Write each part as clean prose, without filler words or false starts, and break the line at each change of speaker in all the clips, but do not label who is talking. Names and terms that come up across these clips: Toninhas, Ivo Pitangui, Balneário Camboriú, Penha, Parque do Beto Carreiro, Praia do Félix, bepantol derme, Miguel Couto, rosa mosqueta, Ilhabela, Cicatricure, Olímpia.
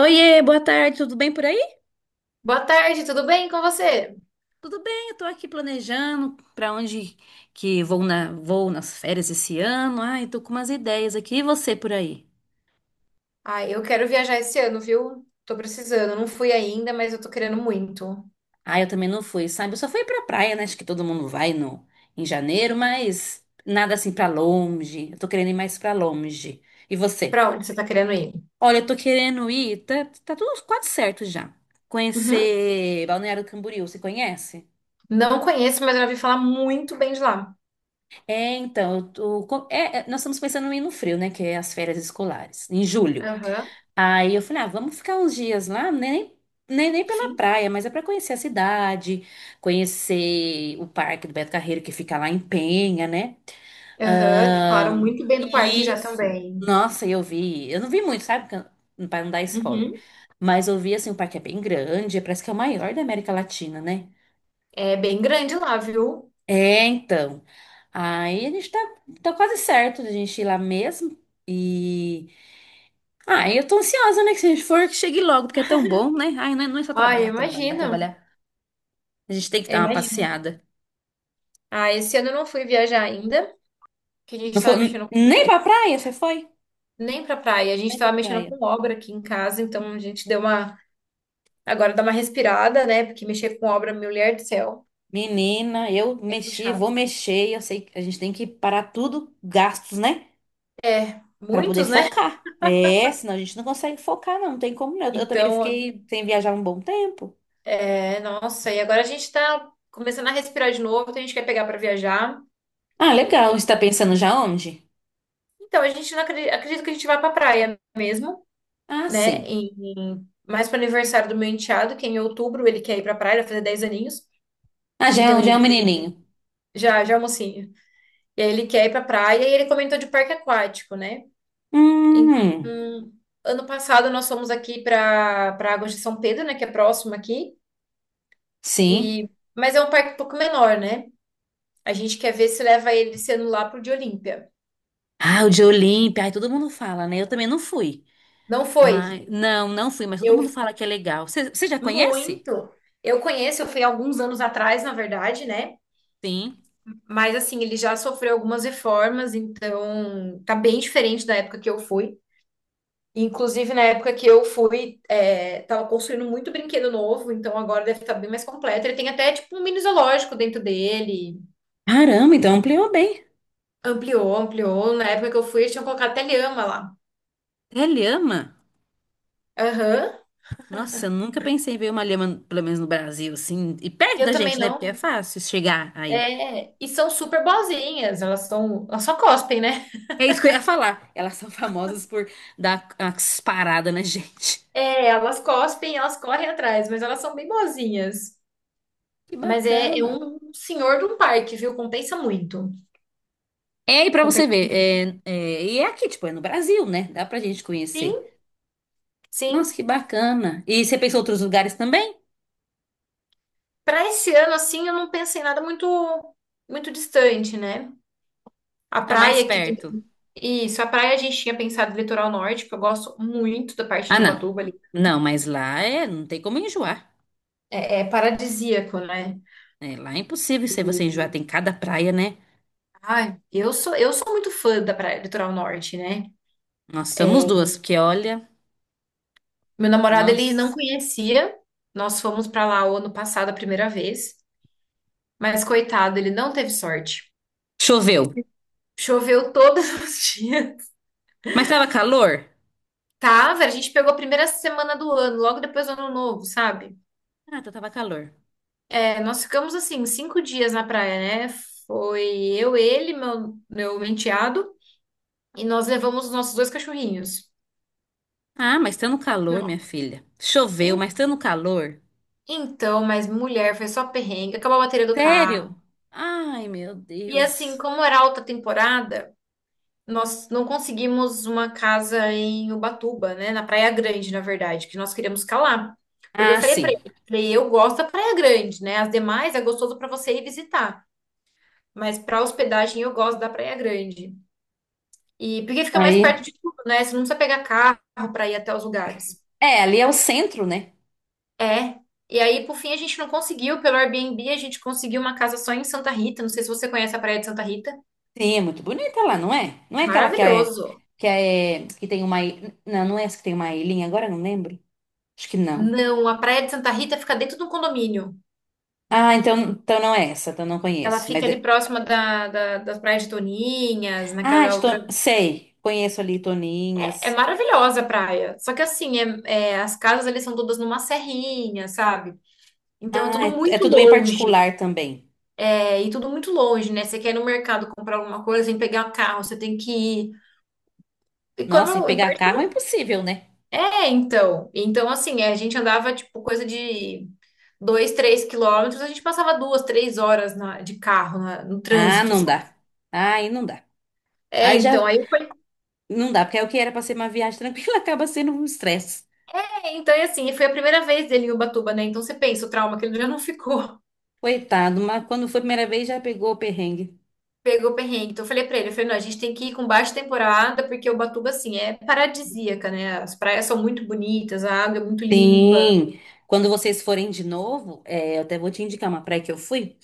Oiê, boa tarde, tudo bem por aí?
Boa tarde, tudo bem com você?
Tudo bem, eu tô aqui planejando para onde que vou nas férias esse ano. Ai, tô com umas ideias aqui. E você por aí?
Ah, eu quero viajar esse ano, viu? Tô precisando, não fui ainda, mas eu tô querendo muito.
Ah, eu também não fui, sabe? Eu só fui pra praia, né? Acho que todo mundo vai em janeiro, mas nada assim pra longe. Eu tô querendo ir mais pra longe. E você?
Pra onde você tá querendo ir?
Olha, eu tô querendo ir, tá tudo quase certo já.
Uhum.
Conhecer Balneário Camboriú, você conhece?
Não conheço, mas eu já ouvi falar muito bem de lá.
É, então, eu tô- co- é, é, Nós estamos pensando em ir no frio, né? Que é as férias escolares, em julho.
Aham,
Aí eu falei, ah, vamos ficar uns dias lá, né, nem pela
sim.
praia, mas é para conhecer a cidade, conhecer o Parque do Beto Carreiro, que fica lá em Penha, né?
Aham, que falaram muito bem do parque já
Isso.
também.
Nossa, eu vi. Eu não vi muito, sabe? Para não dar spoiler.
Uhum.
Mas eu vi, assim, o parque é bem grande, parece que é o maior da América Latina, né?
É bem grande lá, viu?
É, então. Aí a gente tá, Tá quase certo de a gente ir lá mesmo. E. Ah, eu tô ansiosa, né? Que se a gente for, que chegue logo, porque é tão bom, né? Ai, não é só
Ah, eu
trabalhar, trabalhar,
imagino.
trabalhar. A gente tem que
Eu
dar uma
imagino.
passeada.
Ah, esse ano eu não fui viajar ainda, que a
Não
gente
foi,
tava mexendo
nem pra praia, você foi?
nem pra praia, a gente
Nem pra
tava mexendo
praia.
com obra aqui em casa, então a gente deu uma. Agora dá uma respirada, né? Porque mexer com obra, mulher do céu,
Menina, eu
é
mexi, vou
puxado.
mexer. Eu sei que a gente tem que parar tudo, gastos, né?
É,
Pra poder
muitos, né?
focar. É, senão a gente não consegue focar, não, não tem como. Não. Eu também
Então,
fiquei sem viajar um bom tempo.
é, nossa, e agora a gente tá começando a respirar de novo, então a gente quer pegar pra viajar.
Ah, legal. Você tá
E-
pensando já onde?
Então, a gente não acredita, acredito que a gente vá pra praia mesmo,
Ah,
né?
sim.
Mais pro aniversário do meu enteado, que é em outubro, ele quer ir pra praia, ele vai fazer 10 aninhos.
Ah,
Então
já é um
ele
menininho.
já é mocinho. E aí ele quer ir pra praia e ele comentou de parque aquático, né?
Hum,
Então, ano passado nós fomos aqui para Águas de São Pedro, né, que é próximo aqui,
sim.
e mas é um parque um pouco menor, né? A gente quer ver se leva ele sendo lá pro de Olímpia.
Ah, o de Olímpia. Ai, todo mundo fala, né? Eu também não fui.
Não foi.
Mas, não, não fui, mas todo
Eu
mundo fala que é legal. Você já conhece?
muito. Eu conheço, eu fui alguns anos atrás, na verdade, né?
Sim.
Mas assim, ele já sofreu algumas reformas, então tá bem diferente da época que eu fui. Inclusive, na época que eu fui, tava construindo muito brinquedo novo, então agora deve estar bem mais completo. Ele tem até, tipo, um mini zoológico dentro dele.
Caramba, então ampliou bem.
Ampliou, ampliou. Na época que eu fui, eles tinham colocado até lhama lá.
É lhama?
Aham.
Nossa, eu nunca pensei em ver uma lhama, pelo menos no Brasil, assim, e
E
perto
eu
da
também
gente, né? Porque é
não.
fácil chegar aí.
É, e são super boazinhas. Elas só cospem, né?
É isso que eu ia falar. Elas são famosas por dar umas paradas na gente.
É, elas cospem, elas correm atrás, mas elas são bem boazinhas.
Que
Mas é, é
bacana.
um senhor de um parque, viu? Compensa muito.
É, e pra você
Compensa.
ver, é, é, e é aqui, tipo, é no Brasil, né? Dá pra gente
Sim,
conhecer.
sim.
Nossa, que bacana. E você pensou em outros lugares também?
Para esse ano, assim, eu não pensei em nada muito distante, né? A
Ah, mais
praia aqui também.
perto.
Isso, a praia a gente tinha pensado no litoral norte, que eu gosto muito da parte
Ah,
de
não.
Ubatuba ali.
Não, mas lá é, não tem como enjoar.
É, é paradisíaco, né?
É, lá é impossível se você
E,
enjoar, tem cada praia, né?
ai, eu sou muito fã da praia do litoral norte, né?
Nós somos
É,
duas, porque olha,
meu namorado, ele não
nossa.
conhecia. Nós fomos para lá o ano passado a primeira vez, mas coitado, ele não teve sorte.
Choveu.
Choveu todos os dias.
Mas tava calor?
Tava, a gente pegou a primeira semana do ano, logo depois do ano novo, sabe?
Ah, então tava calor.
É, nós ficamos assim, 5 dias na praia, né? Foi eu, ele, meu enteado, e nós levamos os nossos dois cachorrinhos.
Ah, mas tá no calor, minha
Não.
filha. Choveu,
En-
mas tá no calor.
Então, mas mulher, foi só perrengue, acabou a bateria do carro.
Sério? Ai, meu
E assim,
Deus.
como era alta temporada, nós não conseguimos uma casa em Ubatuba, né? Na Praia Grande, na verdade, que nós queríamos ficar lá. Porque eu
Ah,
falei pra
sim.
ele, falei, eu gosto da Praia Grande, né? As demais é gostoso pra você ir visitar, mas pra hospedagem eu gosto da Praia Grande. E porque fica mais perto
Aí.
de tudo, né? Você não precisa pegar carro para ir até os lugares.
É, ali é o centro, né?
É. E aí, por fim, a gente não conseguiu. Pelo Airbnb, a gente conseguiu uma casa só em Santa Rita. Não sei se você conhece a Praia de Santa Rita.
Sim, é muito bonita lá, não é? Não é aquela que é
Maravilhoso.
que é que tem uma não, não é essa que tem uma ilhinha, agora eu não lembro. Acho que não.
Não, a Praia de Santa Rita fica dentro de um condomínio.
Ah, então, então não é essa, então não
Ela
conheço. Mas
fica ali próxima das praias de Toninhas,
ah,
naquela outra.
Sei, conheço ali
É, é
Toninhas.
maravilhosa a praia. Só que assim, as casas ali são todas numa serrinha, sabe? Então é
Ah,
tudo
é
muito
tudo bem
longe.
particular também.
É, e tudo muito longe, né? Você quer ir no mercado comprar alguma coisa, você tem que pegar o carro, você tem que ir. E quando.
Nossa, e
eu-
pegar carro é impossível, né?
É, então. Então, assim, a gente andava, tipo, coisa de 2, 3 quilômetros, a gente passava 2, 3 horas de carro no
Ah,
trânsito,
não
sabe?
dá. Aí não dá.
É,
Aí já
então, aí foi.
não dá, porque é o que era pra ser uma viagem tranquila acaba sendo um estresse.
É, então, e assim, foi a primeira vez dele em Ubatuba, né? Então você pensa, o trauma que ele já não ficou.
Coitado, mas quando foi a primeira vez já pegou o perrengue.
Pegou perrengue. Então eu falei pra ele, eu falei, não, a gente tem que ir com baixa temporada, porque Ubatuba, assim, é paradisíaca, né? As praias são muito bonitas, a água é muito limpa.
Sim, quando vocês forem de novo, é, eu até vou te indicar uma praia que eu fui.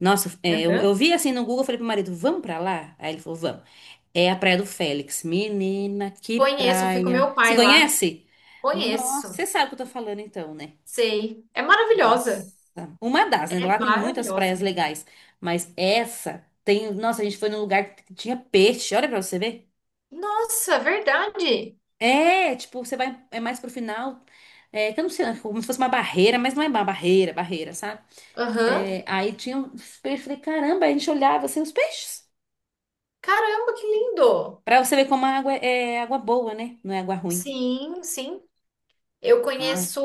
Nossa, é, eu,
Aham.
eu vi assim no Google, falei pro marido, vamos pra lá? Aí ele falou, vamos. É a Praia do Félix. Menina, que
Conheço, fui com
praia.
meu
Se
pai lá.
conhece? Nossa,
Conheço,
você sabe o que eu tô falando então, né?
sei. É
Nossa,
maravilhosa.
uma das, né?
É
Lá tem muitas praias
maravilhosa.
legais, mas essa tem. Nossa, a gente foi num lugar que tinha peixe, olha pra você ver.
Nossa, verdade.
É, tipo, você vai, é mais pro final, é, que eu não sei, né, como se fosse uma barreira, mas não é uma barreira, sabe?
Aham.
É, aí tinha os peixes, falei, caramba, aí a gente olhava assim os peixes,
Caramba, que lindo.
pra você ver como a água é água boa, né? Não é água ruim.
Sim, sim. Eu
Ah,
conheço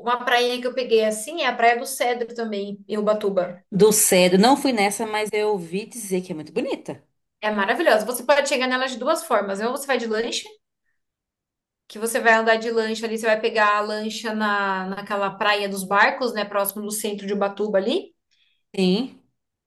uma prainha que eu peguei assim, é a Praia do Cedro também, em Ubatuba.
do cedo, não fui nessa, mas eu ouvi dizer que é muito bonita.
É maravilhosa. Você pode chegar nela de duas formas. Ou você vai de lancha, que você vai andar de lancha ali, você vai pegar a lancha naquela praia dos barcos, né, próximo do centro de Ubatuba ali.
Sim.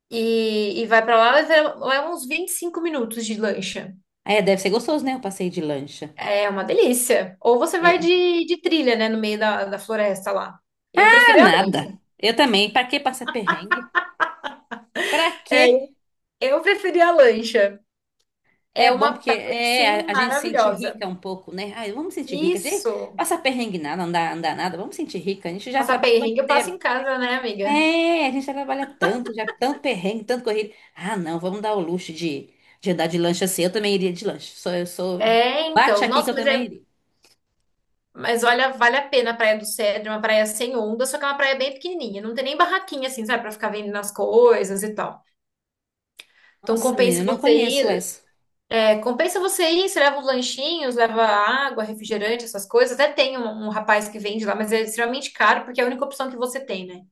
E vai pra lá, leva uns 25 minutos de lancha.
É, deve ser gostoso, né? O passeio de lancha.
É uma delícia. Ou você vai
É.
de trilha, né, no meio da floresta lá. Eu
Ah,
prefiro a lancha.
nada. Eu também, pra que passar perrengue? Pra
É,
quê?
eu preferi a lancha. É
É bom
uma
porque
praia,
é,
sim,
a gente sente
maravilhosa.
rica um pouco, né? Ai, vamos sentir rica. A gente
Isso.
passa perrengue nada, não dá, não dá nada. Vamos sentir rica. A gente já
Passar
trabalha o ano
perrengue eu passo em
inteiro.
casa, né, amiga?
É, a gente já trabalha tanto, já tanto perrengue, tanto corrido. Ah, não, vamos dar o luxo de andar de lanche assim. Eu também iria de lanche. Sou, eu sou.
É,
Bate
então.
aqui que
Nossa,
eu
mas
também
é.
iria.
Mas olha, vale a pena a Praia do Cedro, é uma praia sem onda, só que é uma praia bem pequenininha. Não tem nem barraquinha, assim, sabe, pra ficar vendendo as coisas e tal. Então
Nossa, menina,
compensa
eu não
você
conheço
ir.
essa.
É, compensa você ir, você leva os lanchinhos, leva água, refrigerante, essas coisas. Até tem um rapaz que vende lá, mas é extremamente caro porque é a única opção que você tem, né?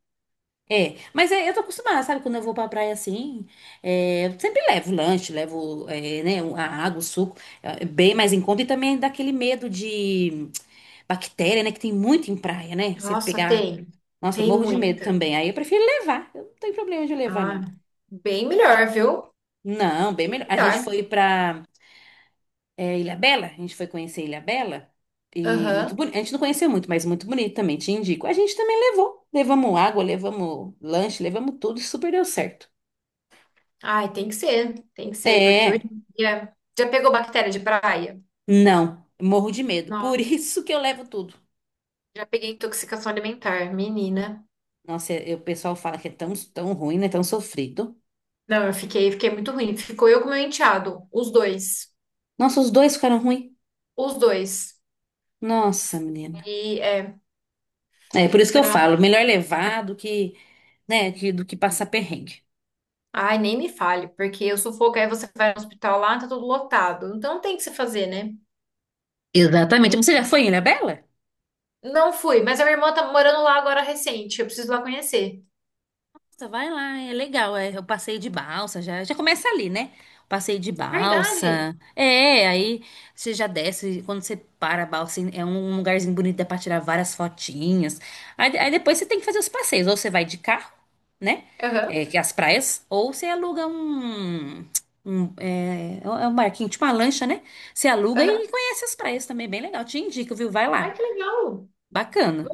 É, mas é, eu tô acostumada, sabe? Quando eu vou pra praia assim, é, eu sempre levo lanche, levo, é, né, a água, o suco, é, bem mais em conta e também dá aquele medo de. Bactéria, né? Que tem muito em praia, né? Você
Nossa,
pegar.
tem.
Nossa, eu
Tem
morro de medo
muita.
também. Aí eu prefiro levar. Eu não tenho problema de levar,
Ah,
não.
bem melhor, viu?
Não, bem
Bem
melhor. A gente
melhor.
foi pra é, Ilhabela. A gente foi conhecer Ilhabela. E muito
Aham.
bonito. A gente não conheceu muito, mas muito bonito também. Te indico. A gente também levou. Levamos água, levamos lanche, levamos tudo. E super deu certo.
Ai, tem que ser. Tem que ser, porque hoje
É.
em dia... Já pegou bactéria de praia?
Não. Morro de medo. Por
Nossa,
isso que eu levo tudo.
já peguei intoxicação alimentar, menina.
Nossa, o pessoal fala que é tão, tão ruim, né? Tão sofrido.
Não, eu fiquei muito ruim. Ficou eu com meu enteado, os dois.
Nossa, os dois ficaram ruins.
Os dois.
Nossa, menina.
E é,
É por isso que
foi
eu
numa.
falo, melhor levar do que, né, do que passar perrengue.
Ai, nem me fale, porque o sufoco aí você vai no hospital lá, tá tudo lotado. Então não tem o que se fazer, né?
Exatamente.
Não,
Você já foi em Ilhabela?
não fui, mas a minha irmã tá morando lá agora recente, eu preciso ir lá conhecer.
Nossa, vai lá, é legal. É o passeio de balsa, já começa ali, né? O passeio de
Verdade.
balsa. É, aí você já desce, quando você para a balsa, assim, é um lugarzinho bonito, dá pra tirar várias fotinhas. Aí depois você tem que fazer os passeios, ou você vai de carro, né?
Aham,
É, que é as praias, ou você aluga um. Um barquinho, tipo uma lancha, né? Você aluga e
aham.
conhece as praias também, bem legal. Te indico, viu? Vai
Ai,
lá.
que legal.
Bacana.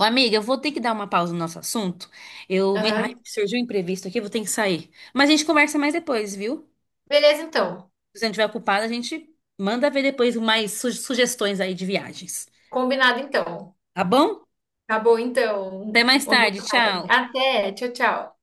Ô, amiga, eu vou ter que dar uma pausa no nosso assunto. Ai,
Aham.
surgiu um imprevisto aqui, eu vou ter que sair. Mas a gente conversa mais depois, viu?
Beleza, então.
Se a gente tiver ocupada, a gente manda ver depois mais sugestões aí de viagens.
Combinado, então.
Tá bom?
Tá bom, então.
Até mais
Uma boa
tarde,
tarde.
tchau.
Até. Tchau, tchau.